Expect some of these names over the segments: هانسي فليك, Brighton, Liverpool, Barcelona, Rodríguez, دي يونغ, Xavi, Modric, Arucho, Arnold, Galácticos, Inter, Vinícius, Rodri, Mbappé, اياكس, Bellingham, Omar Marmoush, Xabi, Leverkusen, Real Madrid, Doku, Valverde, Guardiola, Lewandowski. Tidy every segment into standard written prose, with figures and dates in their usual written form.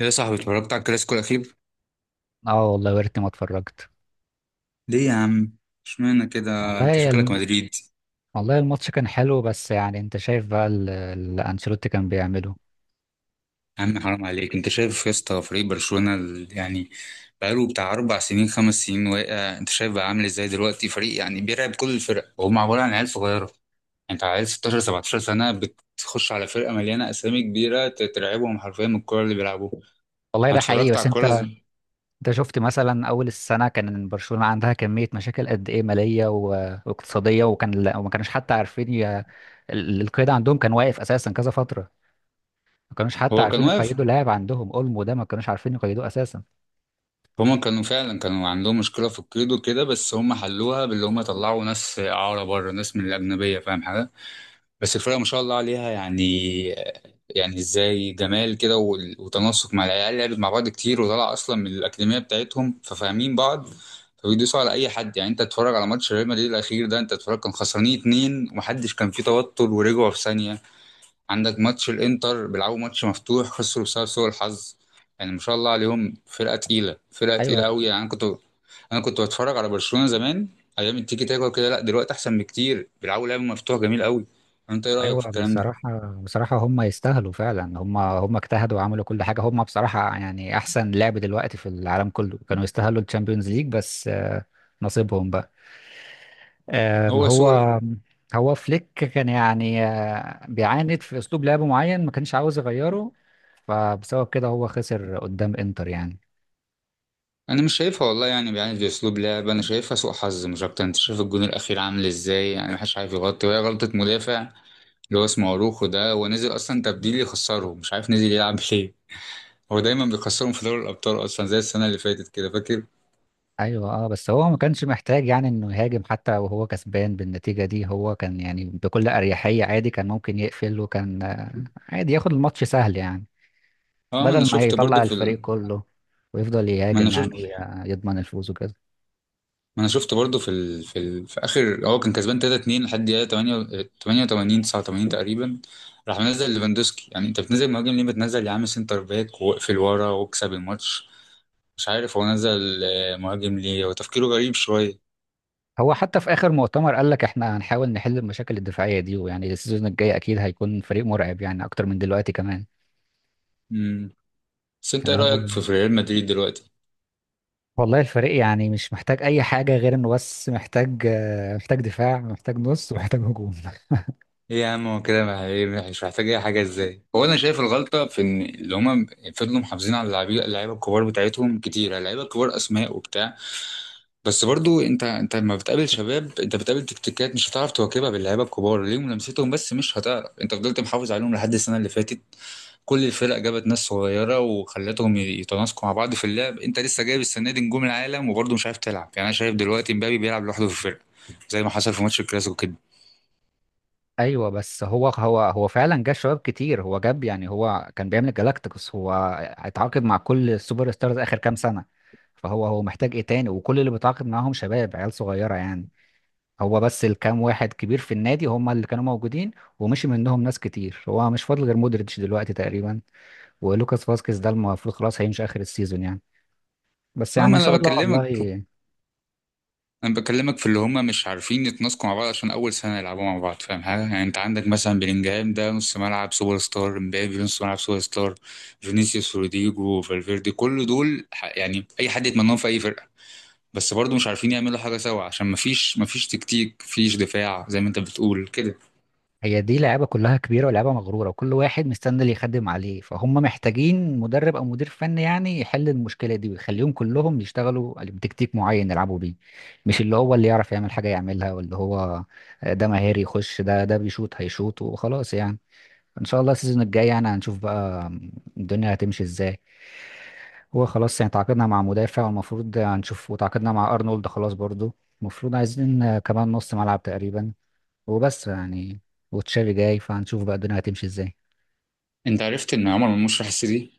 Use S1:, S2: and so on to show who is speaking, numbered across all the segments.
S1: يا صاحبي اتفرجت على الكلاسيكو الأخير؟
S2: اه والله يا ريتني ما اتفرجت.
S1: ليه يا عم؟ اشمعنى كده؟ أنت
S2: والله
S1: شكلك
S2: الم...
S1: مدريد.
S2: والله الماتش كان حلو، بس يعني انت شايف بقى اللي انشيلوتي كان بيعمله.
S1: يا عم حرام عليك، أنت شايف يا اسطى فريق برشلونة يعني بقاله بتاع أربع سنين خمس سنين واقع. أنت شايف بقى عامل إزاي دلوقتي فريق يعني بيرعب كل الفرق، وهم عبارة عن عيال صغيرة. أنت عيال 16 17 سنة بتخش على فرقة مليانة أسامي كبيرة، ترعبهم حرفيا من الكورة اللي بيلعبوها.
S2: والله
S1: أنا
S2: ده حقيقي،
S1: اتفرجت على
S2: بس
S1: الكورة
S2: انت
S1: زي-
S2: انت شفت مثلا اول السنه كان برشلونه عندها كميه مشاكل قد ايه ماليه واقتصاديه، وكان وما كانوش حتى عارفين القيد عندهم كان واقف اساسا كذا فتره، ما كانوش حتى
S1: هو كان
S2: عارفين
S1: واقف.
S2: يقيدوا لاعب. عندهم اولمو ده ما كانوش عارفين يقيدوه اساسا.
S1: هما كانوا فعلا عندهم مشكلة في القيد وكده، بس هما حلوها باللي هما طلعوا ناس إعارة بره، ناس من الأجنبية، فاهم حاجة؟ بس الفرقة ما شاء الله عليها يعني، يعني ازاي جمال كده وتناسق مع العيال، لعبت مع بعض كتير وطلع أصلا من الأكاديمية بتاعتهم ففاهمين بعض، فبيدوسوا على أي حد. يعني أنت تتفرج على ماتش ريال مدريد الأخير ده، أنت تتفرج كان خسرانين اتنين ومحدش كان فيه توتر ورجعوا في ثانية. عندك ماتش الانتر بيلعبوا ماتش مفتوح خسروا بسبب سوء الحظ. يعني ما شاء الله عليهم، فرقه تقيله، فرقه تقيله
S2: ايوه.
S1: قوي. يعني انا كنت بتفرج على برشلونه زمان، ايام التيكي تاكا وكده. لا دلوقتي احسن بكتير، بيلعبوا لعب مفتوح جميل قوي. انت ايه رايك
S2: ايوه،
S1: في الكلام ده؟
S2: بصراحه، بصراحه هم يستاهلوا فعلا. هم اجتهدوا وعملوا كل حاجه، هم بصراحه يعني احسن لعب دلوقتي في العالم كله، كانوا يستاهلوا الشامبيونز ليج، بس نصيبهم بقى.
S1: هو
S2: هو
S1: سوء ال-
S2: هو فليك كان يعني بيعاند في اسلوب لعب معين، ما كانش عاوز يغيره، فبسبب كده هو خسر قدام انتر يعني.
S1: انا مش شايفها والله، يعني دي اسلوب لعب، انا شايفها سوء حظ مش اكتر. انت شايف الجون الاخير عامل ازاي؟ يعني محدش عارف يغطي، وهي غلطه مدافع اللي هو اسمه اروخو ده، هو نزل اصلا تبديل يخسرهم، مش عارف نزل يلعب ليه. هو دايما بيخسرهم في دوري الابطال اصلا، زي السنه اللي فاتت كده فاكر.
S2: ايوه، اه، بس هو ما كانش محتاج يعني انه يهاجم حتى وهو كسبان بالنتيجة دي. هو كان يعني بكل اريحية عادي كان ممكن يقفل، وكان عادي ياخد الماتش سهل يعني،
S1: اه، ما
S2: بدل
S1: انا
S2: ما
S1: شفت
S2: يطلع
S1: برضو في
S2: الفريق
S1: ال...
S2: كله ويفضل
S1: ما انا
S2: يهاجم يعني،
S1: شفت
S2: ويضمن الفوز وكده.
S1: ما انا شفت برضو في ال... في, ال... في اخر هو كان كسبان 3 2 لحد دقيقه 8، 88، 89 تقريبا. راح منزل ليفاندوسكي، يعني انت بتنزل مهاجم ليه؟ بتنزل يا عم سنتر باك واقفل ورا واكسب الماتش. مش عارف هو نزل مهاجم ليه، هو تفكيره غريب شويه.
S2: هو حتى في اخر مؤتمر قال لك احنا هنحاول نحل المشاكل الدفاعية دي، ويعني السيزون الجاي اكيد هيكون فريق مرعب يعني اكتر من دلوقتي كمان.
S1: امم بس انت ايه
S2: يعني هو
S1: رايك في ريال مدريد دلوقتي؟
S2: والله الفريق يعني مش محتاج اي حاجة، غير انه بس محتاج محتاج دفاع، محتاج نص، ومحتاج هجوم.
S1: ايه يا عم هو كده مع- إيه، مش محتاج اي حاجه ازاي؟ هو انا شايف الغلطه في ان اللي هما فضلوا محافظين على اللعيبه الكبار بتاعتهم كتير. اللعيبه الكبار اسماء وبتاع، بس برضو انت لما بتقابل شباب انت بتقابل تكتيكات مش هتعرف تواكبها باللعيبه الكبار، ليهم لمستهم بس مش هتعرف. انت فضلت محافظ عليهم لحد السنه اللي فاتت، كل الفرق جابت ناس صغيره وخلتهم يتناسقوا مع بعض في اللعب، انت لسه جايب السنه دي نجوم العالم وبرضو مش عارف تلعب. يعني انا شايف دلوقتي مبابي بيلعب لوحده في الفرقه، زي ما حصل في ماتش الكلاسيكو كده.
S2: ايوه، بس هو فعلا جاب شباب كتير. هو جاب يعني هو كان بيعمل جالاكتيكوس، هو اتعاقد مع كل السوبر ستارز اخر كام سنه، فهو هو محتاج ايه تاني؟ وكل اللي بيتعاقد معاهم شباب عيال صغيره يعني. هو بس الكام واحد كبير في النادي هم اللي كانوا موجودين، ومشي منهم ناس كتير. هو مش فاضل غير مودريتش دلوقتي تقريبا ولوكاس فاسكيز، ده المفروض خلاص هيمشي اخر السيزون يعني. بس
S1: اه
S2: يعني ان
S1: ما انا
S2: شاء الله
S1: بكلمك
S2: والله.
S1: انا بكلمك في اللي هم مش عارفين يتناسقوا مع بعض عشان اول سنه يلعبوا مع بعض، فاهم حاجه؟ يعني انت عندك مثلا بلينجهام ده نص ملعب سوبر ستار، امبابي نص ملعب سوبر ستار، فينيسيوس، روديجو، فالفيردي، كل دول يعني اي حد يتمناهم في اي فرقه. بس برضه مش عارفين يعملوا حاجه سوا عشان مفيش تكتيك، مفيش دفاع زي ما انت بتقول كده.
S2: هي دي لعيبه كلها كبيره ولعيبه مغروره، وكل واحد مستني اللي يخدم عليه، فهم محتاجين مدرب او مدير فني يعني يحل المشكله دي، ويخليهم كلهم يشتغلوا بتكتيك معين يلعبوا بيه. مش اللي هو اللي يعرف يعمل حاجه يعملها، واللي هو ده مهاري يخش، ده بيشوط هيشوط وخلاص يعني. ان شاء الله السيزون الجاي يعني هنشوف بقى الدنيا هتمشي ازاي. هو خلاص يعني تعاقدنا مع مدافع والمفروض هنشوف، وتعاقدنا مع ارنولد خلاص برضو. المفروض عايزين كمان نص ملعب تقريبا وبس يعني، وتشافي جاي، فهنشوف بقى الدنيا هتمشي ازاي.
S1: انت عرفت ان عمر مرموش راح السيتي؟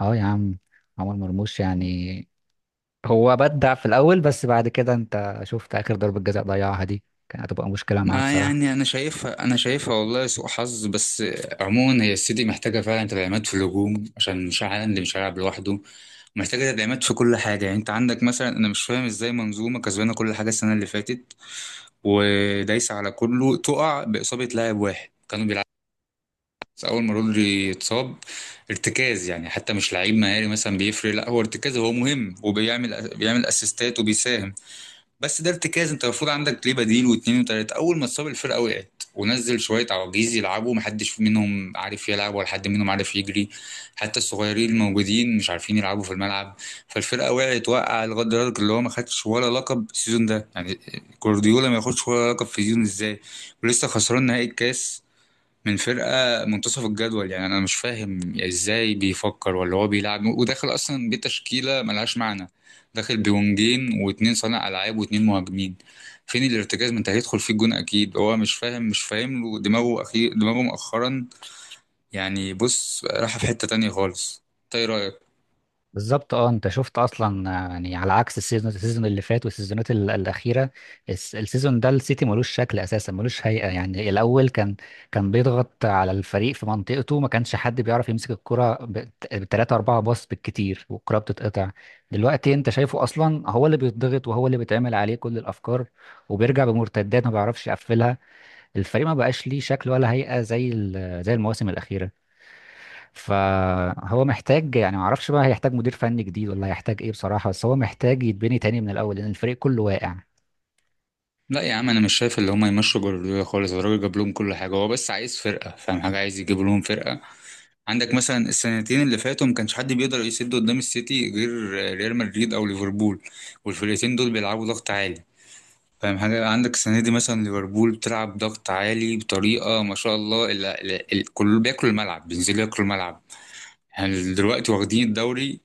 S2: اه يا عم، عمر مرموش يعني هو بدع في الاول، بس بعد كده انت شفت اخر ضربة جزاء ضيعها دي، كان هتبقى مشكلة معاه
S1: ما
S2: بصراحة.
S1: يعني انا شايفها والله سوء حظ بس. عموما هي السيتي محتاجه فعلا تدعيمات في الهجوم عشان مش عارف، اللي مش هيلعب لوحده. محتاجة تدعيمات في كل حاجة، يعني انت عندك مثلا انا مش فاهم ازاي منظومة كسبانة كل حاجة السنة اللي فاتت ودايسة على كله تقع بإصابة لاعب واحد كانوا بيلعبوا؟ بس اول ما رودري اتصاب، ارتكاز يعني، حتى مش لعيب مهاري مثلا بيفرق، لا هو ارتكاز، هو مهم وبيعمل، بيعمل اسيستات وبيساهم. بس ده ارتكاز، انت المفروض عندك ليه بديل واتنين وتلاته. اول ما اتصاب الفرقه وقعت ونزل شويه عواجيز يلعبوا، محدش منهم عارف يلعب ولا حد منهم عارف يجري. حتى الصغيرين الموجودين مش عارفين يلعبوا في الملعب، فالفرقه وقعت وقع لغايه دلوقتي. اللي هو ما خدش ولا لقب السيزون ده يعني، جوارديولا ما ياخدش ولا لقب في السيزون ازاي؟ ولسه خسران نهائي الكاس من فرقة منتصف الجدول. يعني أنا مش فاهم إزاي بيفكر، ولا هو بيلعب وداخل أصلا بتشكيلة ملهاش معنى، داخل بونجين واتنين صانع ألعاب واتنين مهاجمين، فين الارتكاز؟ ما أنت هيدخل فيه الجون أكيد. هو مش فاهم له دماغه، أخير دماغه مؤخرا يعني بص راح في حتة تانية خالص. أنت إيه رأيك؟
S2: بالظبط، اه، انت شفت اصلا يعني على عكس السيزون، السيزون اللي فات والسيزونات الاخيره، السيزون ده السيتي ملوش شكل اساسا، ملوش هيئه يعني. الاول كان كان بيضغط على الفريق في منطقته، ما كانش حد بيعرف يمسك الكره بثلاثة أربعة باص بالكتير والكره بتتقطع. دلوقتي انت شايفه اصلا هو اللي بيتضغط، وهو اللي بيتعمل عليه كل الافكار، وبيرجع بمرتدات ما بيعرفش يقفلها. الفريق ما بقاش ليه شكل ولا هيئه زي زي المواسم الاخيره. فهو محتاج يعني ما اعرفش بقى هيحتاج مدير فني جديد ولا هيحتاج ايه بصراحة، بس هو محتاج يتبني تاني من الاول، لان الفريق كله واقع.
S1: لا يا عم أنا مش شايف اللي هما يمشوا جوارديولا خالص، الراجل جاب لهم كل حاجة، هو بس عايز فرقة، فاهم حاجة؟ عايز يجيب لهم فرقة. عندك مثلا السنتين اللي فاتوا ما كانش حد بيقدر يسد قدام السيتي غير ريال مدريد او ليفربول، والفرقتين دول بيلعبوا ضغط عالي. فاهم حاجة؟ عندك السنة دي مثلا ليفربول بتلعب ضغط عالي بطريقة ما شاء الله، كله بياكل الملعب، بينزلوا ياكلوا الملعب، يعني دلوقتي واخدين الدوري.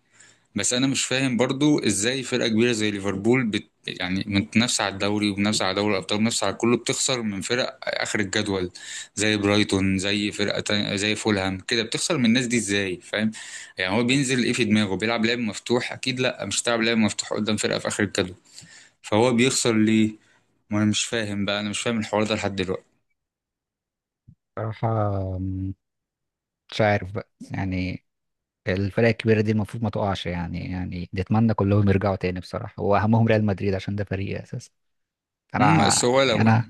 S1: بس انا مش فاهم برضو ازاي فرقه كبيره زي ليفربول يعني متنافسه على الدوري ومنافسه على دوري الابطال ومنافسه على كله بتخسر من فرق اخر الجدول، زي برايتون، زي فرقه تانية، زي فولهام كده، بتخسر من الناس دي ازاي؟ فاهم؟ يعني هو بينزل ايه في دماغه؟ بيلعب لعب مفتوح اكيد، لا مش هتلعب لعب مفتوح قدام فرقه في اخر الجدول. فهو بيخسر ليه؟ ما انا مش فاهم بقى، انا مش فاهم الحوار ده لحد دلوقتي.
S2: بصراحة، مش عارف بقى يعني، الفرق الكبيرة دي المفروض ما تقعش يعني، يعني نتمنى كلهم يرجعوا تاني بصراحة، واهمهم ريال مدريد عشان ده فريقي اساسا. انا
S1: بس هو
S2: يعني
S1: لو،
S2: انا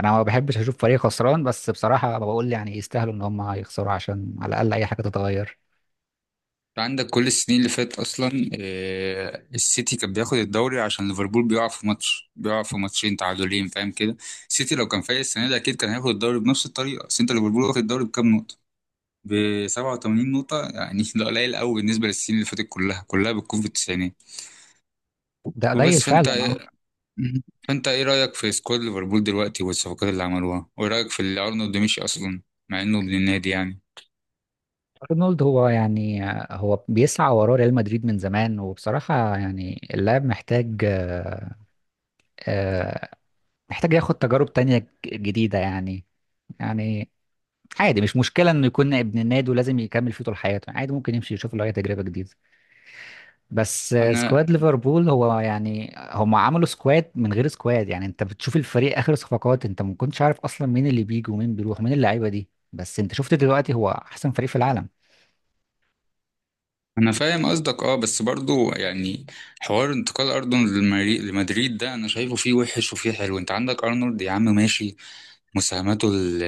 S2: انا ما بحبش اشوف فريق خسران، بس بصراحة بقول يعني يستاهلوا ان هم يخسروا عشان على الاقل اي حاجة تتغير.
S1: عندك كل السنين اللي فاتت اصلا السيتي كان بياخد الدوري عشان ليفربول بيقع في ماتش، بيقع في ماتشين تعادلين، فاهم كده؟ السيتي لو كان فايق السنه دي اكيد كان هياخد الدوري بنفس الطريقه. بس انت ليفربول واخد الدوري بكام نقطه؟ ب 87 نقطه يعني، ده قليل قوي بالنسبه للسنين اللي فاتت، كلها كلها بتكون في التسعينات.
S2: ده قليل
S1: وبس، فانت
S2: فعلا، أه.
S1: فانت ايه رايك في سكواد ليفربول دلوقتي والصفقات اللي عملوها، وايه رايك في اللي ارنولد مشي اصلا مع انه ابن النادي يعني؟
S2: ارنولد هو يعني هو بيسعى وراه ريال مدريد من زمان، وبصراحة يعني اللاعب محتاج آه، محتاج ياخد تجارب تانية جديدة يعني. يعني عادي مش مشكلة انه يكون ابن النادي ولازم يكمل فيه طول حياته، عادي ممكن يمشي يشوف له اي تجربة جديدة. بس
S1: انا
S2: سكواد ليفربول هو يعني هم عملوا سكواد من غير سكواد يعني، انت بتشوف الفريق اخر صفقات انت ما كنتش عارف اصلا مين اللي بيجي ومين بيروح مين اللعيبة دي، بس انت شفت دلوقتي هو احسن فريق في العالم.
S1: انا فاهم قصدك اه، بس برضو يعني حوار انتقال ارنولد لمدريد ده انا شايفه فيه وحش وفيه حلو. انت عندك ارنولد يا عم ماشي، مساهماته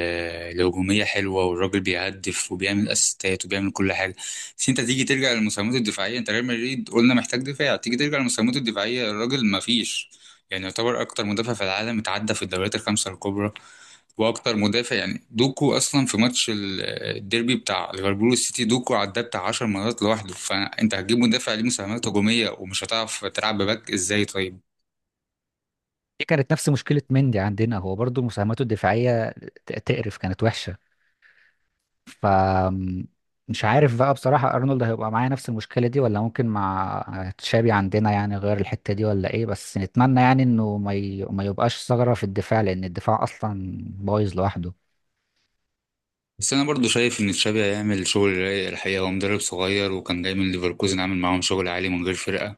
S1: الهجومية حلوة، والراجل بيهدف وبيعمل اسيستات وبيعمل كل حاجة، بس انت تيجي ترجع للمساهمات الدفاعية، انت ريال مدريد قلنا محتاج دفاع، تيجي ترجع للمساهمات الدفاعية الراجل ما فيش. يعني يعتبر اكتر مدافع في العالم اتعدى في الدوريات الخمسة الكبرى، واكتر مدافع يعني دوكو اصلا في ماتش الديربي بتاع ليفربول والسيتي، دوكو عداه بتاع 10 مرات لوحده. فانت هتجيب مدافع ليه مساهمات هجومية ومش هتعرف تلعب بباك ازاي طيب؟
S2: دي كانت نفس مشكلة مندي عندنا، هو برضو مساهماته الدفاعية تقرف، كانت وحشة. ف مش عارف بقى بصراحة أرنولد هيبقى معايا نفس المشكلة دي، ولا ممكن مع تشابي عندنا يعني غير الحتة دي ولا إيه، بس نتمنى يعني إنه ما يبقاش ثغرة في الدفاع، لأن الدفاع أصلا بايظ لوحده.
S1: بس انا برضو شايف ان تشابي هيعمل شغل رايق الحقيقه، هو مدرب صغير وكان جاي من ليفركوزن عامل معاهم شغل عالي من غير فرقه،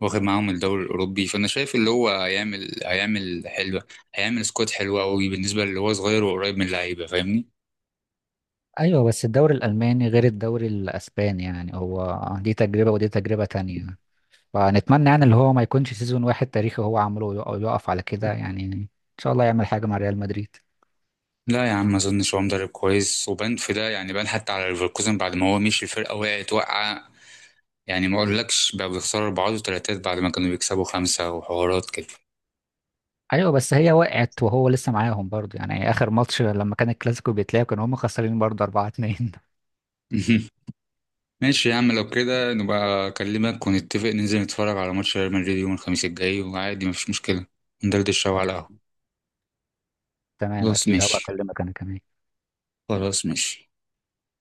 S1: واخد معاهم الدوري الاوروبي، فانا شايف اللي هو هيعمل، حلوه، هيعمل سكواد حلو قوي بالنسبه اللي هو صغير وقريب من اللعيبه، فاهمني؟
S2: أيوه، بس الدوري الألماني غير الدوري الأسباني يعني، هو دي تجربة ودي تجربة تانية، فنتمنى يعني اللي هو ما يكونش سيزون واحد تاريخي هو عمله يقف على كده يعني، إن شاء الله يعمل حاجة مع ريال مدريد.
S1: لا يا عم ما اظنش، هو مدرب كويس وبان في ده، يعني بان حتى على ليفركوزن، بعد ما هو مشي الفرقه وقعت وقعه، يعني ما اقولكش بقى بيخسروا اربعات وتلاتات بعد ما كانوا بيكسبوا خمسه وحوارات كده.
S2: ايوه بس هي وقعت وهو لسه معاهم برضه يعني، اخر ماتش لما كان الكلاسيكو بيتلعب كانوا هم خسرانين برضه 4-2. ان
S1: ماشي يا عم، لو كده نبقى أكلمك ونتفق ننزل نتفرج على ماتش ريال مدريد يوم الخميس الجاي، وعادي مفيش مشكلة، ندردش شوية
S2: شاء
S1: على
S2: الله.
S1: القهوة.
S2: تمام،
S1: خلاص
S2: اكيد هبقى
S1: ماشي.
S2: اكلمك انا كمان.
S1: خلاص ماشي.